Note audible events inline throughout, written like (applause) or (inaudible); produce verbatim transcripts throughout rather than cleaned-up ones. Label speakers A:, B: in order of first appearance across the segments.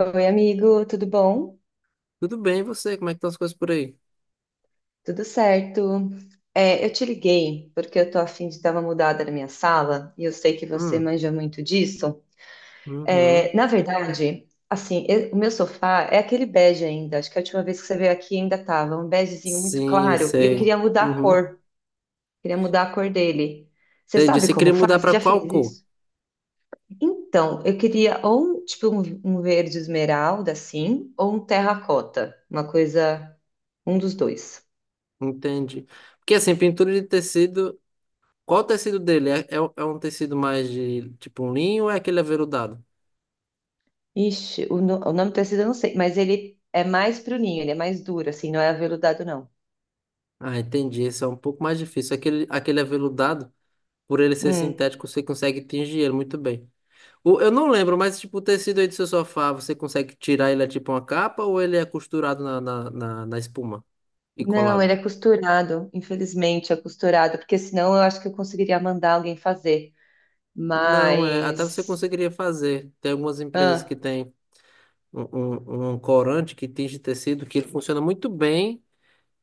A: Oi, amigo, tudo bom?
B: Tudo bem, e você? Como é que estão as coisas por aí?
A: Tudo certo? É, eu te liguei porque eu tô a fim de dar uma mudada na minha sala e eu sei que você
B: Hum,
A: manja muito disso.
B: uhum.
A: É, na verdade, assim, eu- o meu sofá é aquele bege ainda. Acho que a última vez que você veio aqui ainda tava um begezinho muito
B: Sim,
A: claro e eu
B: sei.
A: queria mudar a
B: Uhum.
A: cor, queria mudar a cor dele. Você
B: Entendi.
A: sabe
B: Você
A: como
B: queria mudar
A: faz? Você
B: para
A: já fez
B: qual cor?
A: isso? Então, eu queria ou um, tipo um, um verde esmeralda assim, ou um terracota, uma coisa, um dos dois.
B: Entendi. Porque assim, pintura de tecido, qual o tecido dele? É, é, um é um tecido mais de tipo um linho ou é aquele aveludado?
A: Ixi, o, no- o nome do tecido eu não sei, mas ele é mais pro ninho, ele é mais duro, assim, não é aveludado, não.
B: Ah, entendi. Esse é um pouco mais difícil. Aquele, aquele aveludado, por ele ser
A: Hum.
B: sintético, você consegue tingir ele muito bem. O, eu não lembro, mas tipo, o tecido aí do seu sofá, você consegue tirar ele é tipo uma capa ou ele é costurado na, na, na, na espuma e
A: Não, ele
B: colado?
A: é costurado, infelizmente é costurado, porque senão eu acho que eu conseguiria mandar alguém fazer.
B: Não, é, até você
A: Mas.
B: conseguiria fazer. Tem algumas empresas que
A: Ah,
B: têm um, um, um corante que tinge tecido que ele funciona muito bem.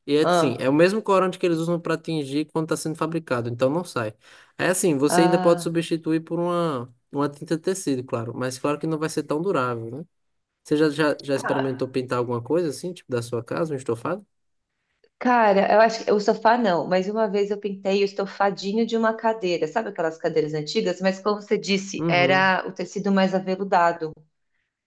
B: E é assim, é o
A: ah,
B: mesmo corante que eles usam para tingir quando está sendo fabricado, então não sai. É assim, você ainda pode
A: ah.
B: substituir por uma, uma tinta de tecido, claro, mas claro que não vai ser tão durável, né? Você já, já, já experimentou
A: Ah,
B: pintar alguma coisa assim, tipo da sua casa, um estofado?
A: cara, eu acho que o sofá não, mas uma vez eu pintei o estofadinho de uma cadeira, sabe aquelas cadeiras antigas? Mas como você disse,
B: Uhum,
A: era o tecido mais aveludado.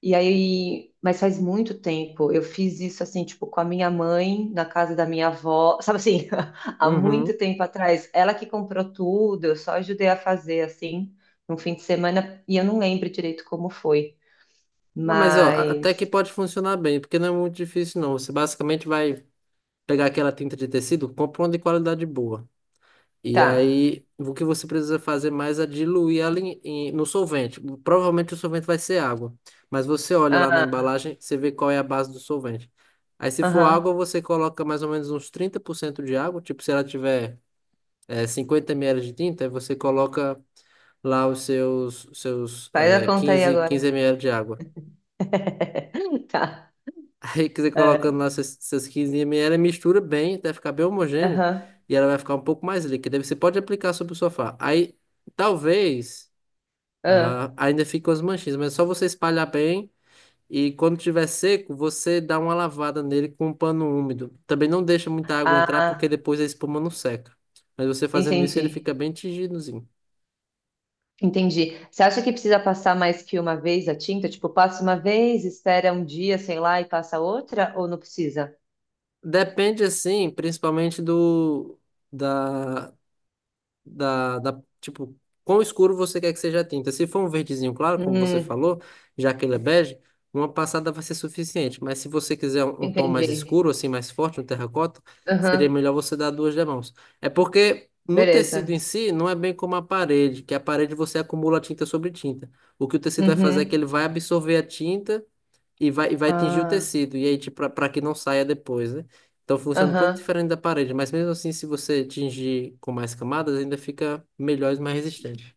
A: E aí, mas faz muito tempo. Eu fiz isso assim, tipo, com a minha mãe, na casa da minha avó, sabe assim, (laughs) há muito
B: uhum.
A: tempo atrás. Ela que comprou tudo, eu só ajudei a fazer assim, num fim de semana, e eu não lembro direito como foi.
B: Ah, mas ó, a- até que
A: Mas
B: pode funcionar bem, porque não é muito difícil, não. Você basicamente vai pegar aquela tinta de tecido, compra uma de qualidade boa. E
A: tá.
B: aí, o que você precisa fazer mais é diluir ela em- em- no solvente. Provavelmente o solvente vai ser água, mas você olha lá na
A: Ah,
B: embalagem, você vê qual é a base do solvente. Aí, se for água,
A: aham.
B: você coloca mais ou menos uns trinta por cento de água. Tipo, se ela tiver eh, cinquenta mililitros de tinta, aí você coloca lá os seus, seus
A: Faz a
B: eh,
A: conta aí
B: quinze
A: agora.
B: 15 ml de água.
A: (laughs) Tá.
B: Aí que você colocando
A: É,
B: lá essas seus quinze ela mistura bem até ficar bem homogêneo
A: aham,
B: e ela vai ficar um pouco mais líquida. Aí você pode aplicar sobre o sofá. Aí talvez
A: ah,
B: ah, ainda fique umas manchinhas, mas é só você espalhar bem e quando tiver seco, você dá uma lavada nele com um pano úmido. Também não deixa muita água entrar porque
A: ah,
B: depois a espuma não seca. Mas você fazendo isso, ele fica
A: entendi.
B: bem tingidozinho.
A: Entendi. Você acha que precisa passar mais que uma vez a tinta? Tipo, passa uma vez, espera um dia, sei lá, e passa outra? Ou não precisa?
B: Depende assim, principalmente do da da, da, tipo, quão escuro você quer que seja a tinta. Se for um verdezinho claro, como você
A: Hum,
B: falou, já que ele é bege, uma passada vai ser suficiente. Mas se você quiser um, um tom mais
A: entendi.
B: escuro, assim, mais forte, um terracota, seria
A: Aham,
B: melhor você dar duas demãos. É porque no tecido em
A: beleza.
B: si, não é bem como a parede, que a parede você acumula tinta sobre tinta. O que o tecido vai fazer é que ele
A: Uhum.
B: vai absorver a tinta e vai, e vai atingir o
A: Ah,
B: tecido, e aí, tipo, para que não saia depois, né? Então funciona um pouco
A: aham,
B: diferente da parede, mas mesmo assim, se você atingir com mais camadas, ainda fica melhor e mais resistente.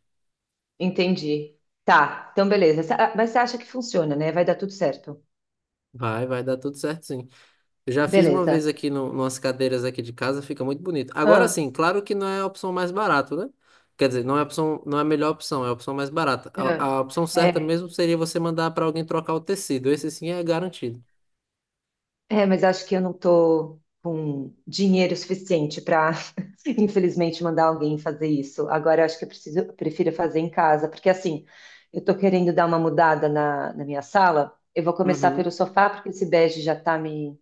A: entendi. Tá, então beleza. Cê- ah, Mas você acha que funciona, né? Vai dar tudo certo.
B: Vai, vai dar tudo certo, sim. Eu já fiz uma
A: Beleza.
B: vez aqui no, nas cadeiras aqui de casa, fica muito bonito. Agora
A: Ah,
B: sim, claro que não é a opção mais barata, né? Quer dizer, não é a opção, não é a melhor opção, é a opção mais barata. A,
A: ah.
B: a opção certa
A: É.
B: mesmo seria você mandar para alguém trocar o tecido. Esse sim é garantido.
A: É, mas acho que eu não tô com dinheiro suficiente para, (laughs) infelizmente, mandar alguém fazer isso. Agora, eu acho que eu preciso, eu prefiro fazer em casa, porque assim, eu tô querendo dar uma mudada na, na minha sala. Eu vou começar
B: Uhum.
A: pelo sofá, porque esse bege já tá me.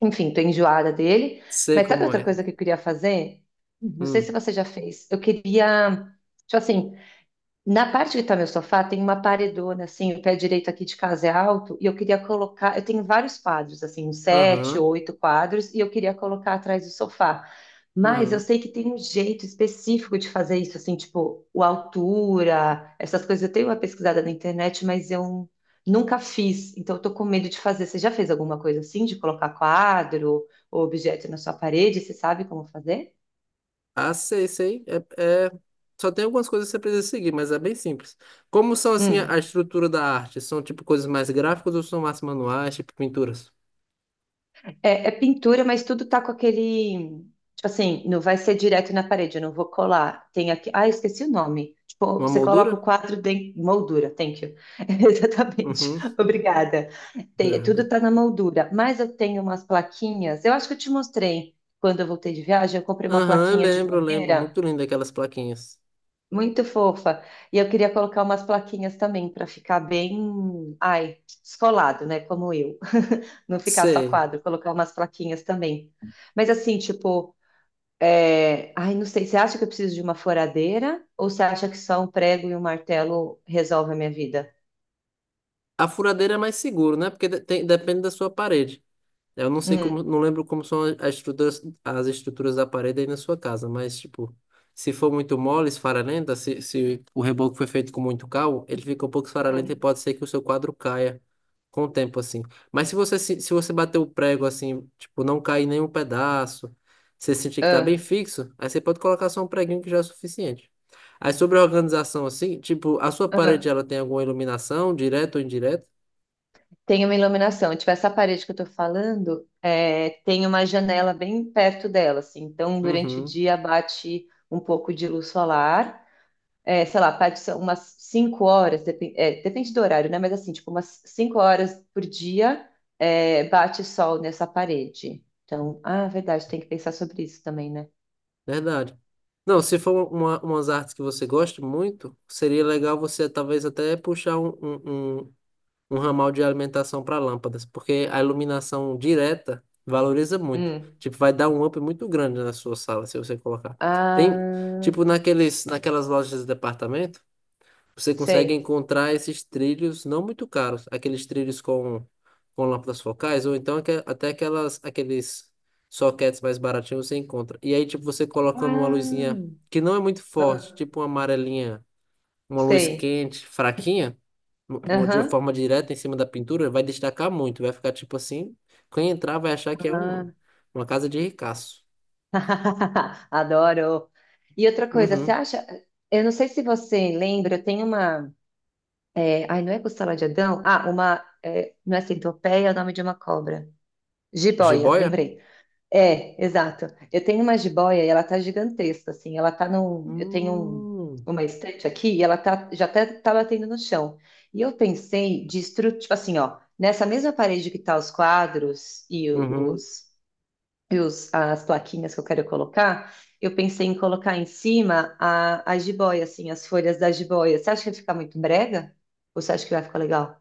A: Enfim, tô enjoada dele.
B: Sei
A: Mas sabe
B: como
A: outra
B: é.
A: coisa que eu queria fazer? Não sei se
B: Hum.
A: você já fez. Eu queria, tipo assim, na parte que tá meu sofá, tem uma paredona, assim, o pé direito aqui de casa é alto, e eu queria colocar. Eu tenho vários quadros, assim, uns sete,
B: Aham.
A: oito quadros, e eu queria colocar atrás do sofá. Mas eu
B: Aham.
A: sei que tem um jeito específico de fazer isso, assim, tipo, o altura, essas coisas. Eu tenho uma pesquisada na internet, mas eu nunca fiz, então eu tô com medo de fazer. Você já fez alguma coisa assim, de colocar quadro ou objeto na sua parede? Você sabe como fazer?
B: Ah, sei, sei. É, é- Só tem algumas coisas que você precisa seguir, mas é bem simples. Como são, assim, a a
A: Hum.
B: estrutura da arte? São, tipo, coisas mais gráficas ou são mais manuais, tipo pinturas?
A: É, é pintura, mas tudo tá com aquele. Tipo assim, não vai ser direto na parede, eu não vou colar. Tem aqui. Ah, eu esqueci o nome. Tipo,
B: Uma
A: você coloca o
B: moldura?
A: quadro de moldura, thank you. (laughs) Exatamente.
B: Uhum,
A: Obrigada. Tem-
B: nada.
A: tudo tá na moldura. Mas eu tenho umas plaquinhas. Eu acho que eu te mostrei quando eu voltei de viagem. Eu comprei uma
B: Aham, eu
A: plaquinha de
B: lembro, eu lembro.
A: madeira
B: Muito lindo aquelas plaquinhas.
A: muito fofa. E eu queria colocar umas plaquinhas também para ficar bem, ai, descolado, né? Como eu. Não ficar só
B: Sei.
A: quadro, colocar umas plaquinhas também. Mas assim, tipo, é, ai, não sei, você acha que eu preciso de uma furadeira? Ou você acha que só um prego e um martelo resolve a minha vida?
B: A furadeira é mais seguro, né? Porque de- tem- depende da sua parede. Eu não sei
A: Hum,
B: como, não lembro como são as estruturas, as estruturas da parede aí na sua casa, mas tipo, se for muito mole, esfarelenta, se, se o reboco foi feito com muito cal, ele fica um pouco
A: hum,
B: esfarelento e pode ser que o seu quadro caia com o tempo assim. Mas se você se, se você bater o prego assim, tipo, não cair nenhum pedaço, você sentir que tá
A: ah,
B: bem fixo, aí você pode colocar só um preguinho que já é suficiente. Aí sobre a organização assim, tipo, a sua parede
A: ah.
B: ela tem alguma iluminação, direta ou indireta?
A: Tem uma iluminação. Tipo, essa parede que eu tô falando, é, tem uma janela bem perto dela, assim. Então, durante o
B: Uhum.
A: dia bate um pouco de luz solar. É, sei lá, parte são umas cinco horas, depen- é, depende do horário, né? Mas assim, tipo, umas cinco horas por dia é, bate sol nessa parede. Então, ah, verdade, tem que pensar sobre isso também, né?
B: Verdade. Não, se for uma, umas artes que você gosta muito, seria legal você talvez até puxar um, um, um, um ramal de alimentação para lâmpadas, porque a iluminação direta valoriza muito.
A: Hum.
B: Tipo, vai dar um up muito grande na sua sala se você colocar. Tem,
A: Ah,
B: tipo, naqueles, naquelas lojas de departamento. Você consegue
A: sei.
B: encontrar esses trilhos não muito caros, aqueles trilhos com, com lâmpadas focais, ou então aque- até aquelas, aqueles sockets mais baratinhos você encontra. E aí, tipo, você colocando uma
A: Ah,
B: luzinha que não é muito forte,
A: ah,
B: tipo uma amarelinha, uma luz
A: sei.
B: quente, fraquinha, no- no- de uma
A: Aham.
B: forma direta em cima da pintura, vai destacar muito, vai ficar tipo assim. Quem entrar vai achar que é
A: Ah.
B: um, uma casa de ricaço.
A: (laughs) Adoro. E outra coisa, você
B: Uhum.
A: acha? Eu não sei se você lembra, tem uma. É, ai, não é costela de Adão? Ah, uma. É, não é centopeia, é o nome de uma cobra. Jiboia,
B: Jiboia?
A: lembrei. É, exato. Eu tenho uma jiboia e ela tá gigantesca, assim. Ela tá num. Eu tenho um-
B: Hum.
A: uma estante aqui e ela tá, já até tá batendo no chão. E eu pensei de estru... tipo assim, ó, nessa mesma parede que tá os quadros e
B: Uhum.
A: os, e os as plaquinhas que eu quero colocar, eu pensei em colocar em cima a, a jiboia, assim, as folhas da jiboia. Você acha que vai ficar muito brega? Ou você acha que vai ficar legal?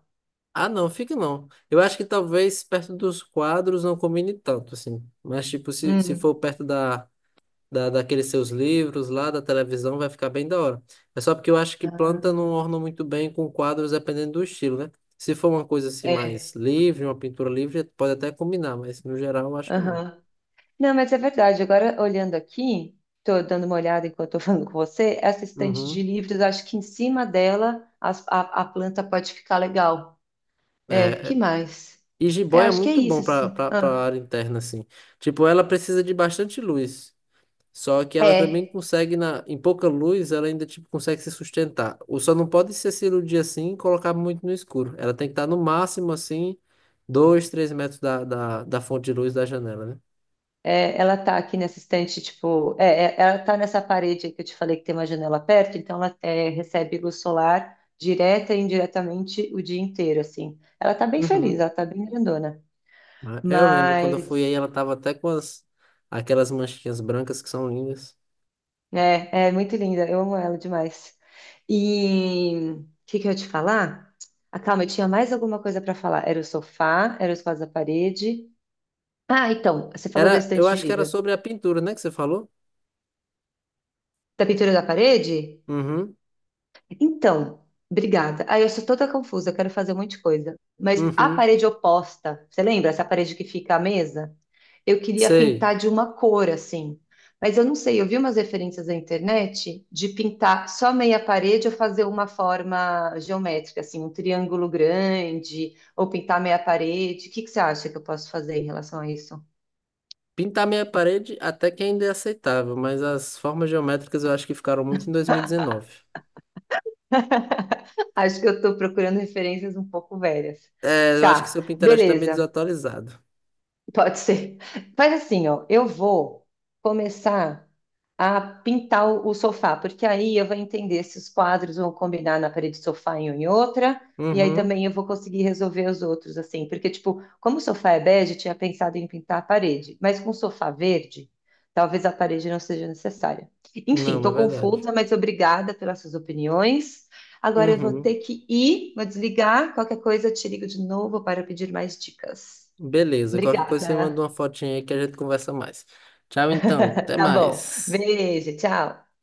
B: Ah, não, fica não. Eu acho que talvez perto dos quadros não combine tanto, assim. Mas, tipo, se, se for
A: Hum.
B: perto da, da, daqueles seus livros lá, da televisão, vai ficar bem da hora. É só porque eu acho que planta não
A: Ah,
B: orna muito bem com quadros, dependendo do estilo, né? Se for uma coisa assim mais
A: é.
B: livre, uma pintura livre, pode até combinar, mas no geral eu acho que não.
A: Aham. Não, mas é verdade. Agora, olhando aqui, estou dando uma olhada enquanto estou falando com você, essa estante de
B: Uhum.
A: livros, acho que em cima dela as- a, a planta pode ficar legal. É,
B: É,
A: que
B: é.
A: mais?
B: E
A: É,
B: jiboia é
A: acho que é
B: muito
A: isso,
B: bom para
A: assim.
B: para
A: Ah,
B: área interna, assim. Tipo, ela precisa de bastante luz. Só que ela também
A: é,
B: consegue, na, em pouca luz, ela ainda tipo, consegue se sustentar. Ou só não pode ser cirurgia assim e colocar muito no escuro. Ela tem que estar no máximo assim, dois, três metros da, da, da fonte de luz da janela, né?
A: é, ela tá aqui nessa estante, tipo, é, é, ela tá nessa parede aí que eu te falei que tem uma janela perto, então ela é, recebe luz solar direta e indiretamente o dia inteiro, assim. Ela tá bem feliz,
B: Uhum.
A: ela tá bem grandona.
B: Mas Eu lembro quando eu fui
A: Mas.
B: aí, ela tava até com as, aquelas manchinhas brancas que são lindas.
A: É, é muito linda, eu amo ela demais. E o que que eu ia te falar? Ah, calma, eu tinha mais alguma coisa para falar. Era o sofá, era os quadros da parede. Ah, então, você falou da
B: Era, eu
A: estante de
B: acho que era
A: livro.
B: sobre a pintura, né, que você falou?
A: Da pintura da parede?
B: Uhum,
A: Então, obrigada. Ah, eu sou toda confusa, eu quero fazer um monte de coisa. Mas a
B: uhum,
A: parede oposta, você lembra? Essa parede que fica a mesa? Eu queria
B: sei.
A: pintar de uma cor, assim. Mas eu não sei, eu vi umas referências na internet de pintar só meia parede ou fazer uma forma geométrica, assim, um triângulo grande, ou pintar meia parede. O que que você acha que eu posso fazer em relação a isso?
B: Pintar minha parede até que ainda é aceitável, mas as formas geométricas eu acho que ficaram muito em dois mil e dezenove.
A: (laughs) Acho que eu estou procurando referências um pouco velhas.
B: É, eu acho que
A: Tá,
B: seu Pinterest tá meio
A: beleza.
B: desatualizado.
A: Pode ser. Faz assim, ó, eu vou começar a pintar o o sofá, porque aí eu vou entender se os quadros vão combinar na parede do sofá em uma e outra, e aí
B: Uhum.
A: também eu vou conseguir resolver os outros, assim, porque, tipo, como o sofá é bege, eu tinha pensado em pintar a parede, mas com o sofá verde, talvez a parede não seja necessária. Enfim,
B: Não, é
A: estou
B: verdade.
A: confusa, mas obrigada pelas suas opiniões. Agora eu vou
B: Uhum.
A: ter que ir, vou desligar, qualquer coisa eu te ligo de novo para pedir mais dicas.
B: Beleza. Qualquer coisa você manda uma
A: Obrigada.
B: fotinha aí que a gente conversa mais. Tchau, então. Até
A: Tá bom.
B: mais.
A: Beijo, tchau.